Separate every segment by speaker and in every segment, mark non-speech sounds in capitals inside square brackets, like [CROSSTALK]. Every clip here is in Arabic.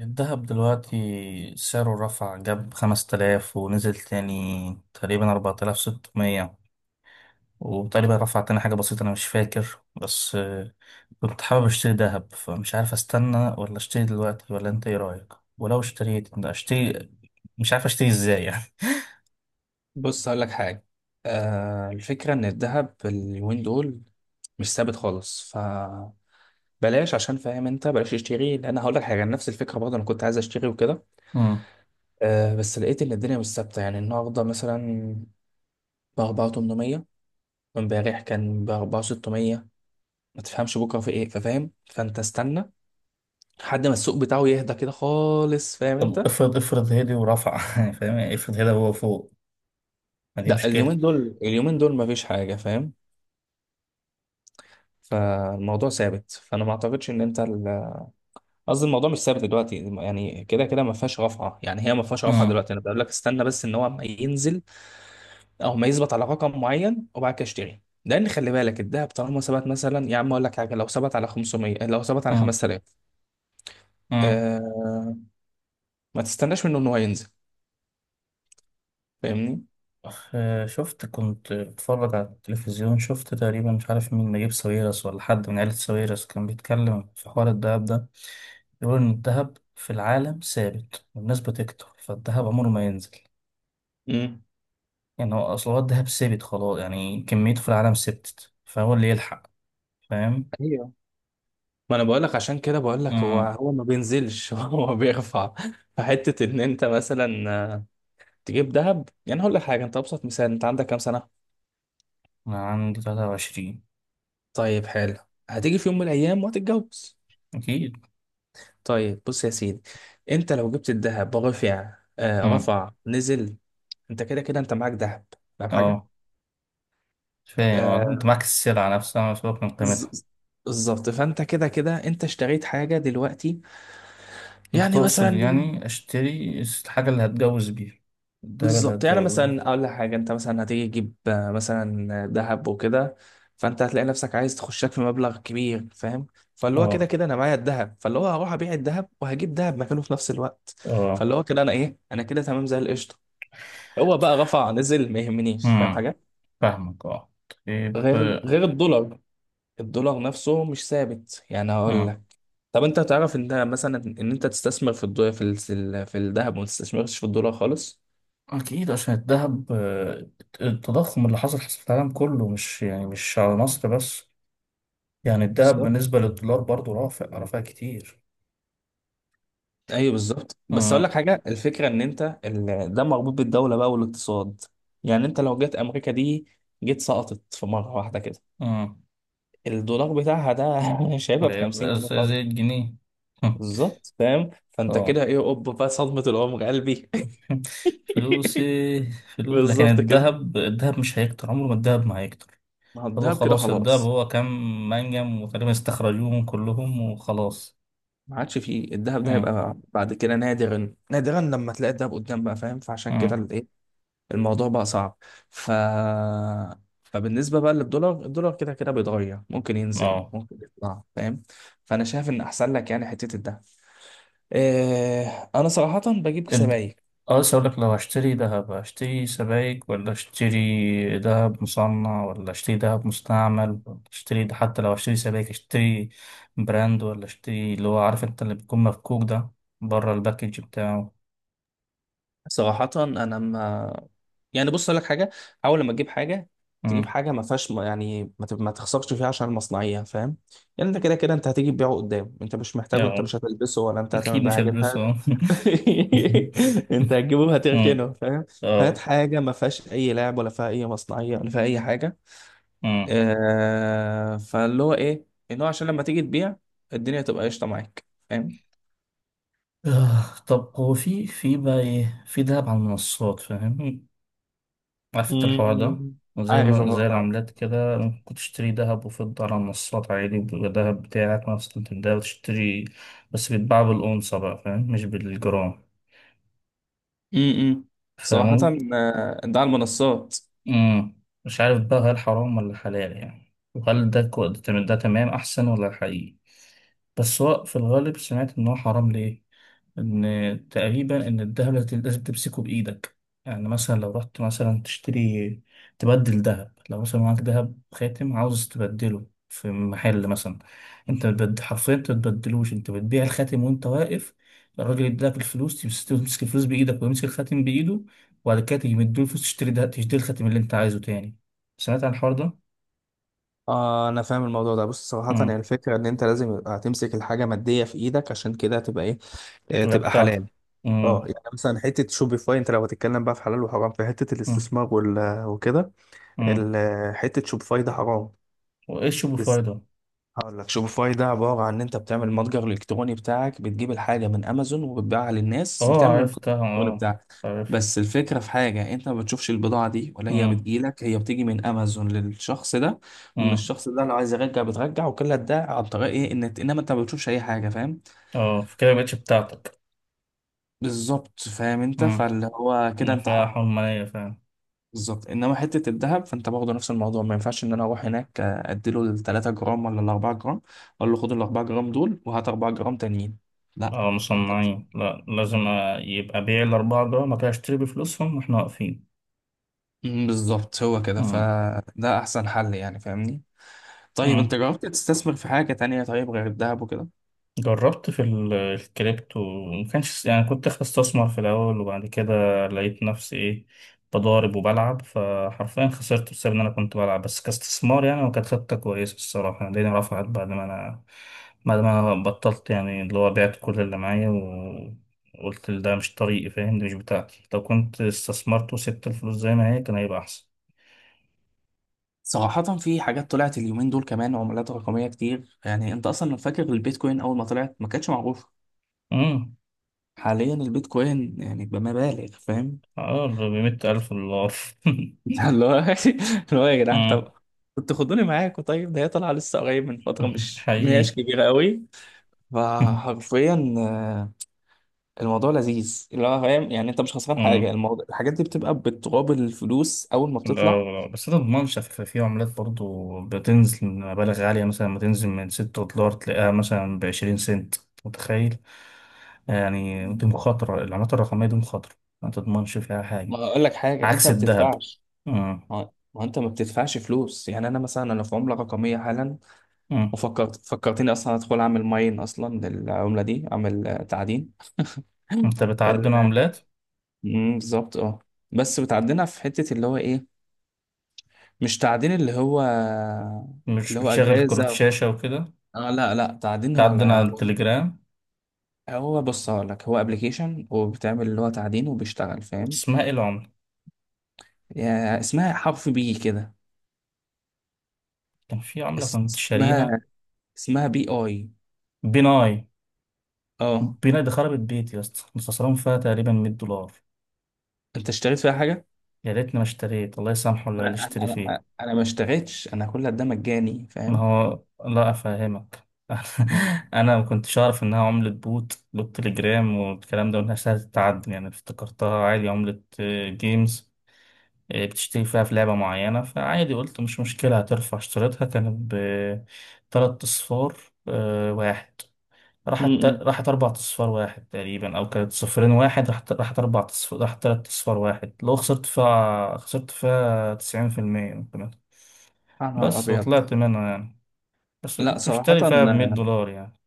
Speaker 1: الذهب دلوقتي سعره رفع جاب 5000 ونزل تاني، تقريبا 4600. وتقريبا رفع تاني حاجة بسيطة، أنا مش فاكر، بس كنت حابب أشتري دهب، فمش عارف أستنى ولا أشتري دلوقتي ولا أنت إيه رأيك؟ ولو اشتريت ده أشتري، مش عارف أشتري إزاي يعني.
Speaker 2: بص هقول لك حاجة. آه، الفكرة إن الذهب اليومين دول مش ثابت خالص فبلاش. عشان فاهم أنت بلاش تشتري، لأن هقول لك حاجة. نفس الفكرة برضه أنا كنت عايز أشتري وكده.
Speaker 1: مم.
Speaker 2: آه بس لقيت إن الدنيا مش ثابتة، يعني النهاردة مثلا ب 4800، وإمبارح كان ب 4600. ما تفهمش بكرة في إيه، ففاهم؟ فأنت استنى لحد ما السوق بتاعه يهدى كده خالص، فاهم
Speaker 1: طب
Speaker 2: أنت؟
Speaker 1: افرض افرض هدي ورفع [LAUGHS] يعني فاهم يعني؟ افرض هدي هو فوق، ما دي
Speaker 2: لا،
Speaker 1: مشكلة.
Speaker 2: اليومين دول اليومين دول مفيش حاجة، فاهم؟ فالموضوع ثابت، فأنا ما أعتقدش إن أنت، قصدي الموضوع مش ثابت دلوقتي، يعني كده كده ما فيهاش رفعه، يعني هي ما فيهاش رفعه
Speaker 1: مم.
Speaker 2: دلوقتي. انا بقول لك استنى بس ان هو ما ينزل او ما يثبت على رقم معين، وبعد كده اشتري. لان خلي بالك الدهب طالما ثبت، مثلا يا عم اقول لك حاجه، لو ثبت على 500، لو ثبت على
Speaker 1: مم.
Speaker 2: 5000.
Speaker 1: مم.
Speaker 2: آه، ما تستناش منه ان هو ينزل. فاهمني؟
Speaker 1: شفت كنت بتفرج على التلفزيون، شفت تقريبا مش عارف مين، نجيب ساويرس ولا حد من عيلة ساويرس كان بيتكلم في حوار الدهب ده، بيقول إن الدهب في العالم ثابت والناس بتكتر فالدهب عمره ما ينزل.
Speaker 2: امم.
Speaker 1: يعني هو أصل هو الدهب ثابت خلاص، يعني كميته في العالم ثبتت فهو اللي يلحق. فاهم؟
Speaker 2: ايوه، ما انا بقول لك عشان كده، بقول لك هو
Speaker 1: أمم.
Speaker 2: ما بينزلش، [LAUGHS] هو بيرفع. فحته ان انت مثلا آه، تجيب دهب، يعني هقول لك حاجه، انت ابسط مثال، انت عندك كام سنه؟
Speaker 1: أنا عندي 23.
Speaker 2: طيب حلو، هتيجي في يوم من الايام وهتتجوز.
Speaker 1: أكيد.
Speaker 2: طيب بص يا سيدي، انت لو جبت الذهب رفع آه
Speaker 1: أمم.
Speaker 2: رفع نزل، انت كده كده انت معاك ذهب، فاهم حاجه؟
Speaker 1: أه. فاهم، أنت
Speaker 2: آه.
Speaker 1: معاك السلعة نفسها، مسؤول من
Speaker 2: ز-
Speaker 1: قيمتها.
Speaker 2: ز- بالظبط، فانت كده كده انت اشتريت حاجه دلوقتي.
Speaker 1: انت
Speaker 2: يعني
Speaker 1: تقصد
Speaker 2: مثلا،
Speaker 1: يعني اشتري الحاجة اللي هتجوز بيها، الدهب اللي
Speaker 2: بالظبط، يعني
Speaker 1: هتجوز بيها.
Speaker 2: مثلا اقول لك حاجه، انت مثلا هتيجي تجيب مثلا ذهب وكده. فانت هتلاقي نفسك عايز تخشك في مبلغ كبير، فاهم؟ فاللي هو كده
Speaker 1: اه.
Speaker 2: كده انا معايا الذهب، فاللي هو هروح ابيع الذهب وهجيب ذهب مكانه في نفس الوقت.
Speaker 1: اه.
Speaker 2: فاللي هو كده انا ايه، انا كده تمام زي القشطه. هو بقى رفع نزل ما يهمنيش، فاهم
Speaker 1: امم،
Speaker 2: حاجه؟
Speaker 1: فاهمك. اه. طيب.
Speaker 2: غير الدولار، الدولار نفسه مش ثابت. يعني هقول
Speaker 1: امم.
Speaker 2: لك، طب انت تعرف ان ده مثلا، ان انت تستثمر في الدولار في الذهب، وما تستثمرش في الدولار خالص.
Speaker 1: اكيد عشان الذهب، التضخم اللي حصل حصل في العالم كله، مش يعني مش على مصر بس. يعني الذهب
Speaker 2: بالظبط.
Speaker 1: بالنسبة للدولار برضو رافع رافع كتير.
Speaker 2: ايوه بالظبط. بس اقول لك
Speaker 1: امم.
Speaker 2: حاجه، الفكره ان انت ده مربوط بالدوله بقى والاقتصاد. يعني انت لو جت امريكا دي جيت سقطت في مره واحده كده،
Speaker 1: امم.
Speaker 2: الدولار بتاعها ده [LAUGHS] مش هيبقى ب 50
Speaker 1: يبقى
Speaker 2: جنيه
Speaker 1: زي
Speaker 2: خالص.
Speaker 1: الجنيه. [LAUGHS]
Speaker 2: بالظبط، فاهم؟ فانت كده
Speaker 1: اه.
Speaker 2: ايه، اوب بقى صدمه العمر قلبي.
Speaker 1: [LAUGHS] فلوسي،
Speaker 2: [LAUGHS]
Speaker 1: فلوس. لكن
Speaker 2: بالظبط كده،
Speaker 1: الذهب، مش هيكتر، عمره ما الذهب ما هيكتر.
Speaker 2: ما هو
Speaker 1: هو
Speaker 2: الدهب كده
Speaker 1: خلاص اتضرب،
Speaker 2: خلاص،
Speaker 1: هو كام منجم وتقريبا استخرجوهم كلهم وخلاص.
Speaker 2: ما عادش فيه. الدهب ده
Speaker 1: امم.
Speaker 2: هيبقى بعد كده نادرا نادرا لما تلاقي الدهب قدام بقى، فاهم؟ فعشان كده
Speaker 1: امم.
Speaker 2: الايه، الموضوع بقى صعب. ف، فبالنسبة بقى للدولار، الدولار كده كده بيتغير، ممكن ينزل
Speaker 1: اه.
Speaker 2: ممكن يطلع، فاهم؟ فأنا شايف إن أحسن لك يعني حتة الدهب. إيه، أنا صراحة بجيب
Speaker 1: اد
Speaker 2: سبائك.
Speaker 1: اه، لسه اقول لك، لو هشتري دهب هشتري سبائك ولا اشتري دهب مصنع ولا اشتري دهب مستعمل ولا اشتري ده؟ حتى لو هشتري سبائك، اشتري براند ولا اشتري اللي هو، عارف انت اللي بيكون مفكوك ده بره الباكج بتاعه.
Speaker 2: صراحة أنا ما، يعني بص أقول لك حاجة، حاول لما تجيب حاجة، تجيب
Speaker 1: امم.
Speaker 2: حاجة ما فيهاش، يعني ما تخسرش فيها عشان المصنعية، فاهم؟ يعني أنت كده كده أنت هتيجي تبيعه قدام، أنت مش محتاجه، أنت
Speaker 1: اه.
Speaker 2: مش هتلبسه، ولا
Speaker 1: [LAUGHS]
Speaker 2: أنت
Speaker 1: اكيد
Speaker 2: هتعمل بيه
Speaker 1: مش
Speaker 2: حاجة، أنت هت...
Speaker 1: هلبسه. [LAUGHS]
Speaker 2: [LAUGHS] أنت هتجيبه
Speaker 1: أمم.
Speaker 2: هتركنه، فاهم؟ هات
Speaker 1: اه.
Speaker 2: حاجة ما فيهاش أي لعب، ولا فيها أي مصنعية، ولا فيها أي حاجة.
Speaker 1: أمم.
Speaker 2: آه... فاللي هو إيه، إن هو عشان لما تيجي تبيع الدنيا تبقى قشطة معاك، فاهم؟
Speaker 1: آه، طب هو في بقى ايه، في دهب على المنصات؟ فاهم؟ عارف انت الحوار ده،
Speaker 2: مم.
Speaker 1: زي
Speaker 2: عارف
Speaker 1: ما زي
Speaker 2: الموضوع ده.
Speaker 1: العملات كده، ممكن تشتري دهب وفضة على المنصات عادي، وبيبقى دهب بتاعك نفس قيمة الدهب تشتري، بس بيتباع بالأونصة بقى، فاهم؟ مش بالجرام.
Speaker 2: امم. صراحة
Speaker 1: فاهم.
Speaker 2: ده على المنصات.
Speaker 1: مم. مش عارف بقى، هل حرام ولا حلال يعني؟ وهل ده ده تمام، ده تمام أحسن ولا حقيقي؟ بس هو في الغالب سمعت إن هو حرام، ليه؟ ان تقريبا ان الذهب لازم لازم تمسكه بايدك. يعني مثلا لو رحت مثلا تشتري، تبدل ذهب، لو مثلا معاك ذهب خاتم عاوز تبدله في محل مثلا، انت حرفيا انت بتبدلوش، انت بتبيع الخاتم وانت واقف، الراجل يديلك الفلوس، تمسك الفلوس بايدك ويمسك الخاتم بايده، وبعد كده تيجي مديله الفلوس تشتري الخاتم اللي انت عايزه تاني. سمعت عن الحوار ده؟
Speaker 2: اه، انا فاهم الموضوع ده. بص صراحة هي
Speaker 1: امم.
Speaker 2: الفكرة ان انت لازم يبقى هتمسك الحاجة مادية في ايدك، عشان كده هتبقى ايه،
Speaker 1: تبقى
Speaker 2: تبقى حلال.
Speaker 1: بتاعتك.
Speaker 2: اه،
Speaker 1: امم.
Speaker 2: يعني مثلا حتة شوبيفاي، انت لو هتتكلم بقى في حلال وحرام في حتة
Speaker 1: امم.
Speaker 2: الاستثمار وكده.
Speaker 1: امم.
Speaker 2: حتة شوبيفاي ده حرام.
Speaker 1: وايش بفايده.
Speaker 2: هقول لك، شوبيفاي ده عبارة عن إن أنت بتعمل المتجر الإلكتروني بتاعك، بتجيب الحاجة من أمازون وبتبيعها للناس،
Speaker 1: اه
Speaker 2: بتعمل المتجر
Speaker 1: عرفتها.
Speaker 2: الإلكتروني
Speaker 1: اه،
Speaker 2: بتاعك.
Speaker 1: عارف.
Speaker 2: بس الفكرة في حاجة، أنت ما بتشوفش البضاعة دي، ولا هي
Speaker 1: امم.
Speaker 2: بتجيلك، هي بتيجي من أمازون للشخص ده، ومن
Speaker 1: امم.
Speaker 2: الشخص ده لو عايز يرجع بترجع. وكل ده عن طريق إيه، إن إنما أنت ما بتشوفش أي حاجة، فاهم؟
Speaker 1: اه، فكده مبقتش بتاعتك.
Speaker 2: بالظبط، فاهم أنت؟
Speaker 1: امم،
Speaker 2: فاللي هو كده أنت
Speaker 1: فيها
Speaker 2: حر.
Speaker 1: حرمانية فعلا.
Speaker 2: بالظبط. انما حته الذهب فانت برضه نفس الموضوع، ما ينفعش ان انا اروح هناك اديله ال 3 جرام ولا ال 4 جرام، اقول له خد ال 4 جرام دول وهات 4 جرام تانيين، لا.
Speaker 1: اه
Speaker 2: أنت بت-
Speaker 1: مصنعين، لا لازم، يبقى بيع الأربعة دول ما كانش، اشتري بفلوسهم واحنا واقفين.
Speaker 2: مم، بالظبط هو كده، فده احسن حل يعني، فاهمني؟ طيب انت
Speaker 1: امم.
Speaker 2: جربت تستثمر في حاجه تانية طيب غير الذهب وكده؟
Speaker 1: جربت في الكريبتو، ما كانش يعني كنت داخل استثمر في الأول، وبعد كده لقيت نفسي إيه، بضارب وبلعب، فحرفيا خسرت بسبب إن أنا كنت بلعب بس كاستثمار يعني. وكانت خطة كويسة الصراحة يعني، الدنيا رفعت بعد ما أنا بطلت، يعني اللي هو بعت كل اللي معايا. وقلت ده مش طريقي، فاهم؟ دي مش بتاعتي، لو كنت استثمرت وسبت الفلوس زي ما هي كان هيبقى أحسن.
Speaker 2: صراحة في حاجات طلعت اليومين دول كمان، عملات رقمية كتير. يعني انت اصلا لو فاكر البيتكوين اول ما طلعت ما كانتش معروفة،
Speaker 1: امم.
Speaker 2: حاليا البيتكوين يعني بمبالغ، فاهم؟
Speaker 1: اه ب 100,000 دولار.
Speaker 2: [LAUGHS] اللي هو، اللي هو يا
Speaker 1: [LAUGHS]
Speaker 2: جدعان،
Speaker 1: امم.
Speaker 2: طب كنتوا خدوني معاكم. طيب ده هي طالعه لسه قريب من فتره مش ما هياش
Speaker 1: حقيقي.
Speaker 2: كبيره قوي.
Speaker 1: [LAUGHS]
Speaker 2: فحرفيا الموضوع لذيذ، اللي هو فاهم يعني؟ انت مش خسران حاجه،
Speaker 1: امم.
Speaker 2: الموضوع الحاجات دي بتبقى بتقابل الفلوس اول ما بتطلع.
Speaker 1: لا بس ده ضمانش، في عملات برضو بتنزل مبالغ عالية، مثلا ما تنزل من 6 دولار، تلاقيها مثلا ب20 سنت. متخيل؟ يعني دي مخاطرة، العملات الرقمية دي مخاطرة، ما تضمنش فيها حاجة،
Speaker 2: ما اقول لك حاجه، انت
Speaker 1: عكس
Speaker 2: ما
Speaker 1: الذهب.
Speaker 2: بتدفعش،
Speaker 1: مم.
Speaker 2: ما انت ما بتدفعش فلوس. يعني انا مثلا انا في عمله رقميه حالا،
Speaker 1: مم.
Speaker 2: وفكرت، فكرتني اصلا ادخل اعمل ماين اصلا للعمله دي، اعمل تعدين. [LAUGHS]
Speaker 1: انت بتعدن
Speaker 2: ال-
Speaker 1: عملات؟
Speaker 2: مم، بالظبط اه. بس بتعدينا في حته اللي هو ايه، مش تعدين اللي هو،
Speaker 1: مش
Speaker 2: اللي هو
Speaker 1: بتشغل
Speaker 2: اجهزه
Speaker 1: كروت
Speaker 2: أو...
Speaker 1: شاشة وكده؟
Speaker 2: اه لا لا، تعدين هو
Speaker 1: تعدن
Speaker 2: على،
Speaker 1: على التليجرام؟
Speaker 2: هو بص هقول لك، هو ابلكيشن وبتعمل اللي هو تعدين وبيشتغل، فاهم؟
Speaker 1: اسمها ايه العملة؟
Speaker 2: يعني اسمها حرف بي كده.
Speaker 1: كان في عملة كنت شاريها.
Speaker 2: اسمها، اسمها بي اي.
Speaker 1: بيناي.
Speaker 2: اه،
Speaker 1: بيناي دي خربت بيتي يا اسطى، كنت خسران فيها تقريبا 100 دولار.
Speaker 2: انت اشتريت فيها حاجه؟
Speaker 1: يا ريتني ما اشتريت، الله يسامحه
Speaker 2: انا
Speaker 1: اللي
Speaker 2: انا
Speaker 1: اشتري فيه.
Speaker 2: انا أنا ما اشتريتش، انا كل ده مجاني،
Speaker 1: ما
Speaker 2: فاهم؟
Speaker 1: هو لا أفهمك.
Speaker 2: امم.
Speaker 1: [LAUGHS] أنا ما كنتش أعرف إنها عملة بوت بالتليجرام والكلام ده، وإنها سهلة التعدن. يعني افتكرتها عادي عملة، جيمز، بتشتري فيها في لعبة معينة، فعادي قلت مش مشكلة هترفع. اشتريتها كانت بتلات أصفار واحد. راحت
Speaker 2: امم.
Speaker 1: أربع أصفار واحد تقريبا، أو كانت صفرين واحد، راحت أربع أصفار، راحت تلات أصفار واحد. لو خسرت فيها، خسرت فيها 90% كمان.
Speaker 2: يا نهار
Speaker 1: بس
Speaker 2: ابيض.
Speaker 1: وطلعت منها يعني. بس
Speaker 2: لا
Speaker 1: كنت
Speaker 2: صراحه.
Speaker 1: مشتري فيها ب100 دولار يعني.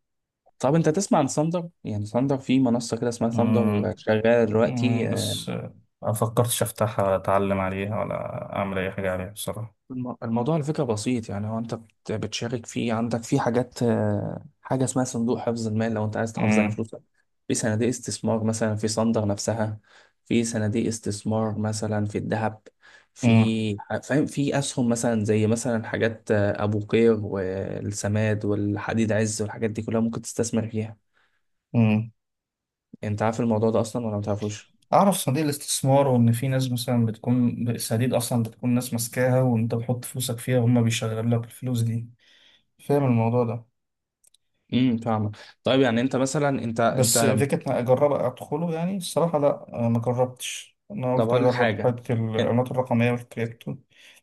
Speaker 2: طب انت تسمع عن ثاندر؟ يعني ثاندر في منصه كده اسمها ثاندر
Speaker 1: مم.
Speaker 2: شغاله دلوقتي.
Speaker 1: مم. بس ما فكرتش أفتحها ولا أتعلم عليها ولا أعمل أي حاجة عليها بصراحة.
Speaker 2: الموضوع على فكرة بسيط، يعني هو انت بتشارك فيه، عندك في حاجات حاجة اسمها صندوق حفظ المال لو انت عايز تحافظ على
Speaker 1: مم.
Speaker 2: فلوسك، في صناديق استثمار مثلا في صندر نفسها، في صناديق استثمار مثلا في الذهب،
Speaker 1: مم.
Speaker 2: فاهم، في اسهم مثلا زي مثلا حاجات ابو قير والسماد والحديد عز والحاجات دي كلها، ممكن تستثمر فيها.
Speaker 1: مم.
Speaker 2: انت عارف الموضوع ده اصلا ولا ما تعرفوش؟
Speaker 1: أعرف صناديق الاستثمار، وإن في ناس مثلا بتكون الصناديق أصلا بتكون ناس ماسكاها وأنت بتحط فلوسك فيها وهم بيشغلوا لك الفلوس دي. فاهم الموضوع ده.
Speaker 2: امم، فاهمك. طيب يعني انت مثلا انت،
Speaker 1: بس فكرة إن أجرب أدخله يعني الصراحة لأ، أنا ما جربتش، أنا
Speaker 2: طب
Speaker 1: قلت
Speaker 2: اقول لك
Speaker 1: أجرب
Speaker 2: حاجة.
Speaker 1: حتة العملات الرقمية والكريبتو.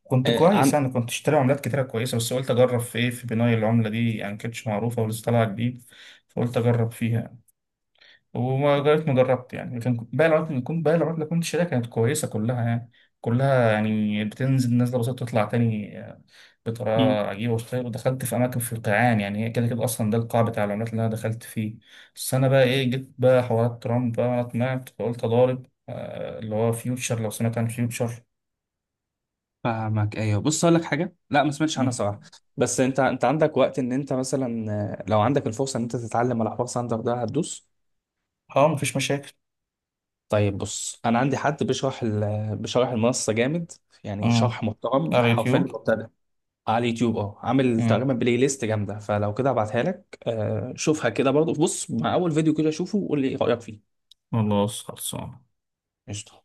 Speaker 1: كنت كويس
Speaker 2: آه،
Speaker 1: يعني، كنت اشتري عملات كتيرة كويسة، بس قلت أجرب في إيه، في بناء العملة دي يعني، كانتش معروفة ولسه طالعة جديد، فقلت أجرب فيها يعني. وما جربت ما جربت يعني. لكن باقي العملات اللي كنت شاريها كانت كويسة كلها يعني. كلها يعني بتنزل نزلة بسيطة، تطلع تاني
Speaker 2: عن
Speaker 1: بطريقة عجيبة وستايل، ودخلت في أماكن في القيعان يعني، هي كده كده أصلا ده القاع بتاع العملات اللي أنا دخلت فيه. بس أنا بقى إيه، جيت بقى حوارات ترامب بقى، أنا طمعت فقلت أضارب، اللي هو فيوتشر، لو سمعت عن فيوتشر.
Speaker 2: فاهمك ايوه. بص اقول لك حاجه، لا ما سمعتش عنها صراحه.
Speaker 1: مم.
Speaker 2: بس انت عندك وقت ان انت مثلا لو عندك الفرصه ان انت تتعلم على حوار ساندر ده، هتدوس.
Speaker 1: أه مفيش مشاكل.
Speaker 2: طيب بص انا عندي حد بيشرح بيشرح المنصه جامد، يعني
Speaker 1: أه،
Speaker 2: شرح محترم
Speaker 1: على
Speaker 2: حرفيا
Speaker 1: اليوتيوب.
Speaker 2: المبتدئ، على اليوتيوب اه. عامل
Speaker 1: أه،
Speaker 2: تقريبا بلاي ليست جامده، فلو كده ابعتها لك شوفها كده برضه، بص مع اول فيديو كده شوفه وقول لي ايه رايك فيه.
Speaker 1: خلاص خلصان.
Speaker 2: قشطه.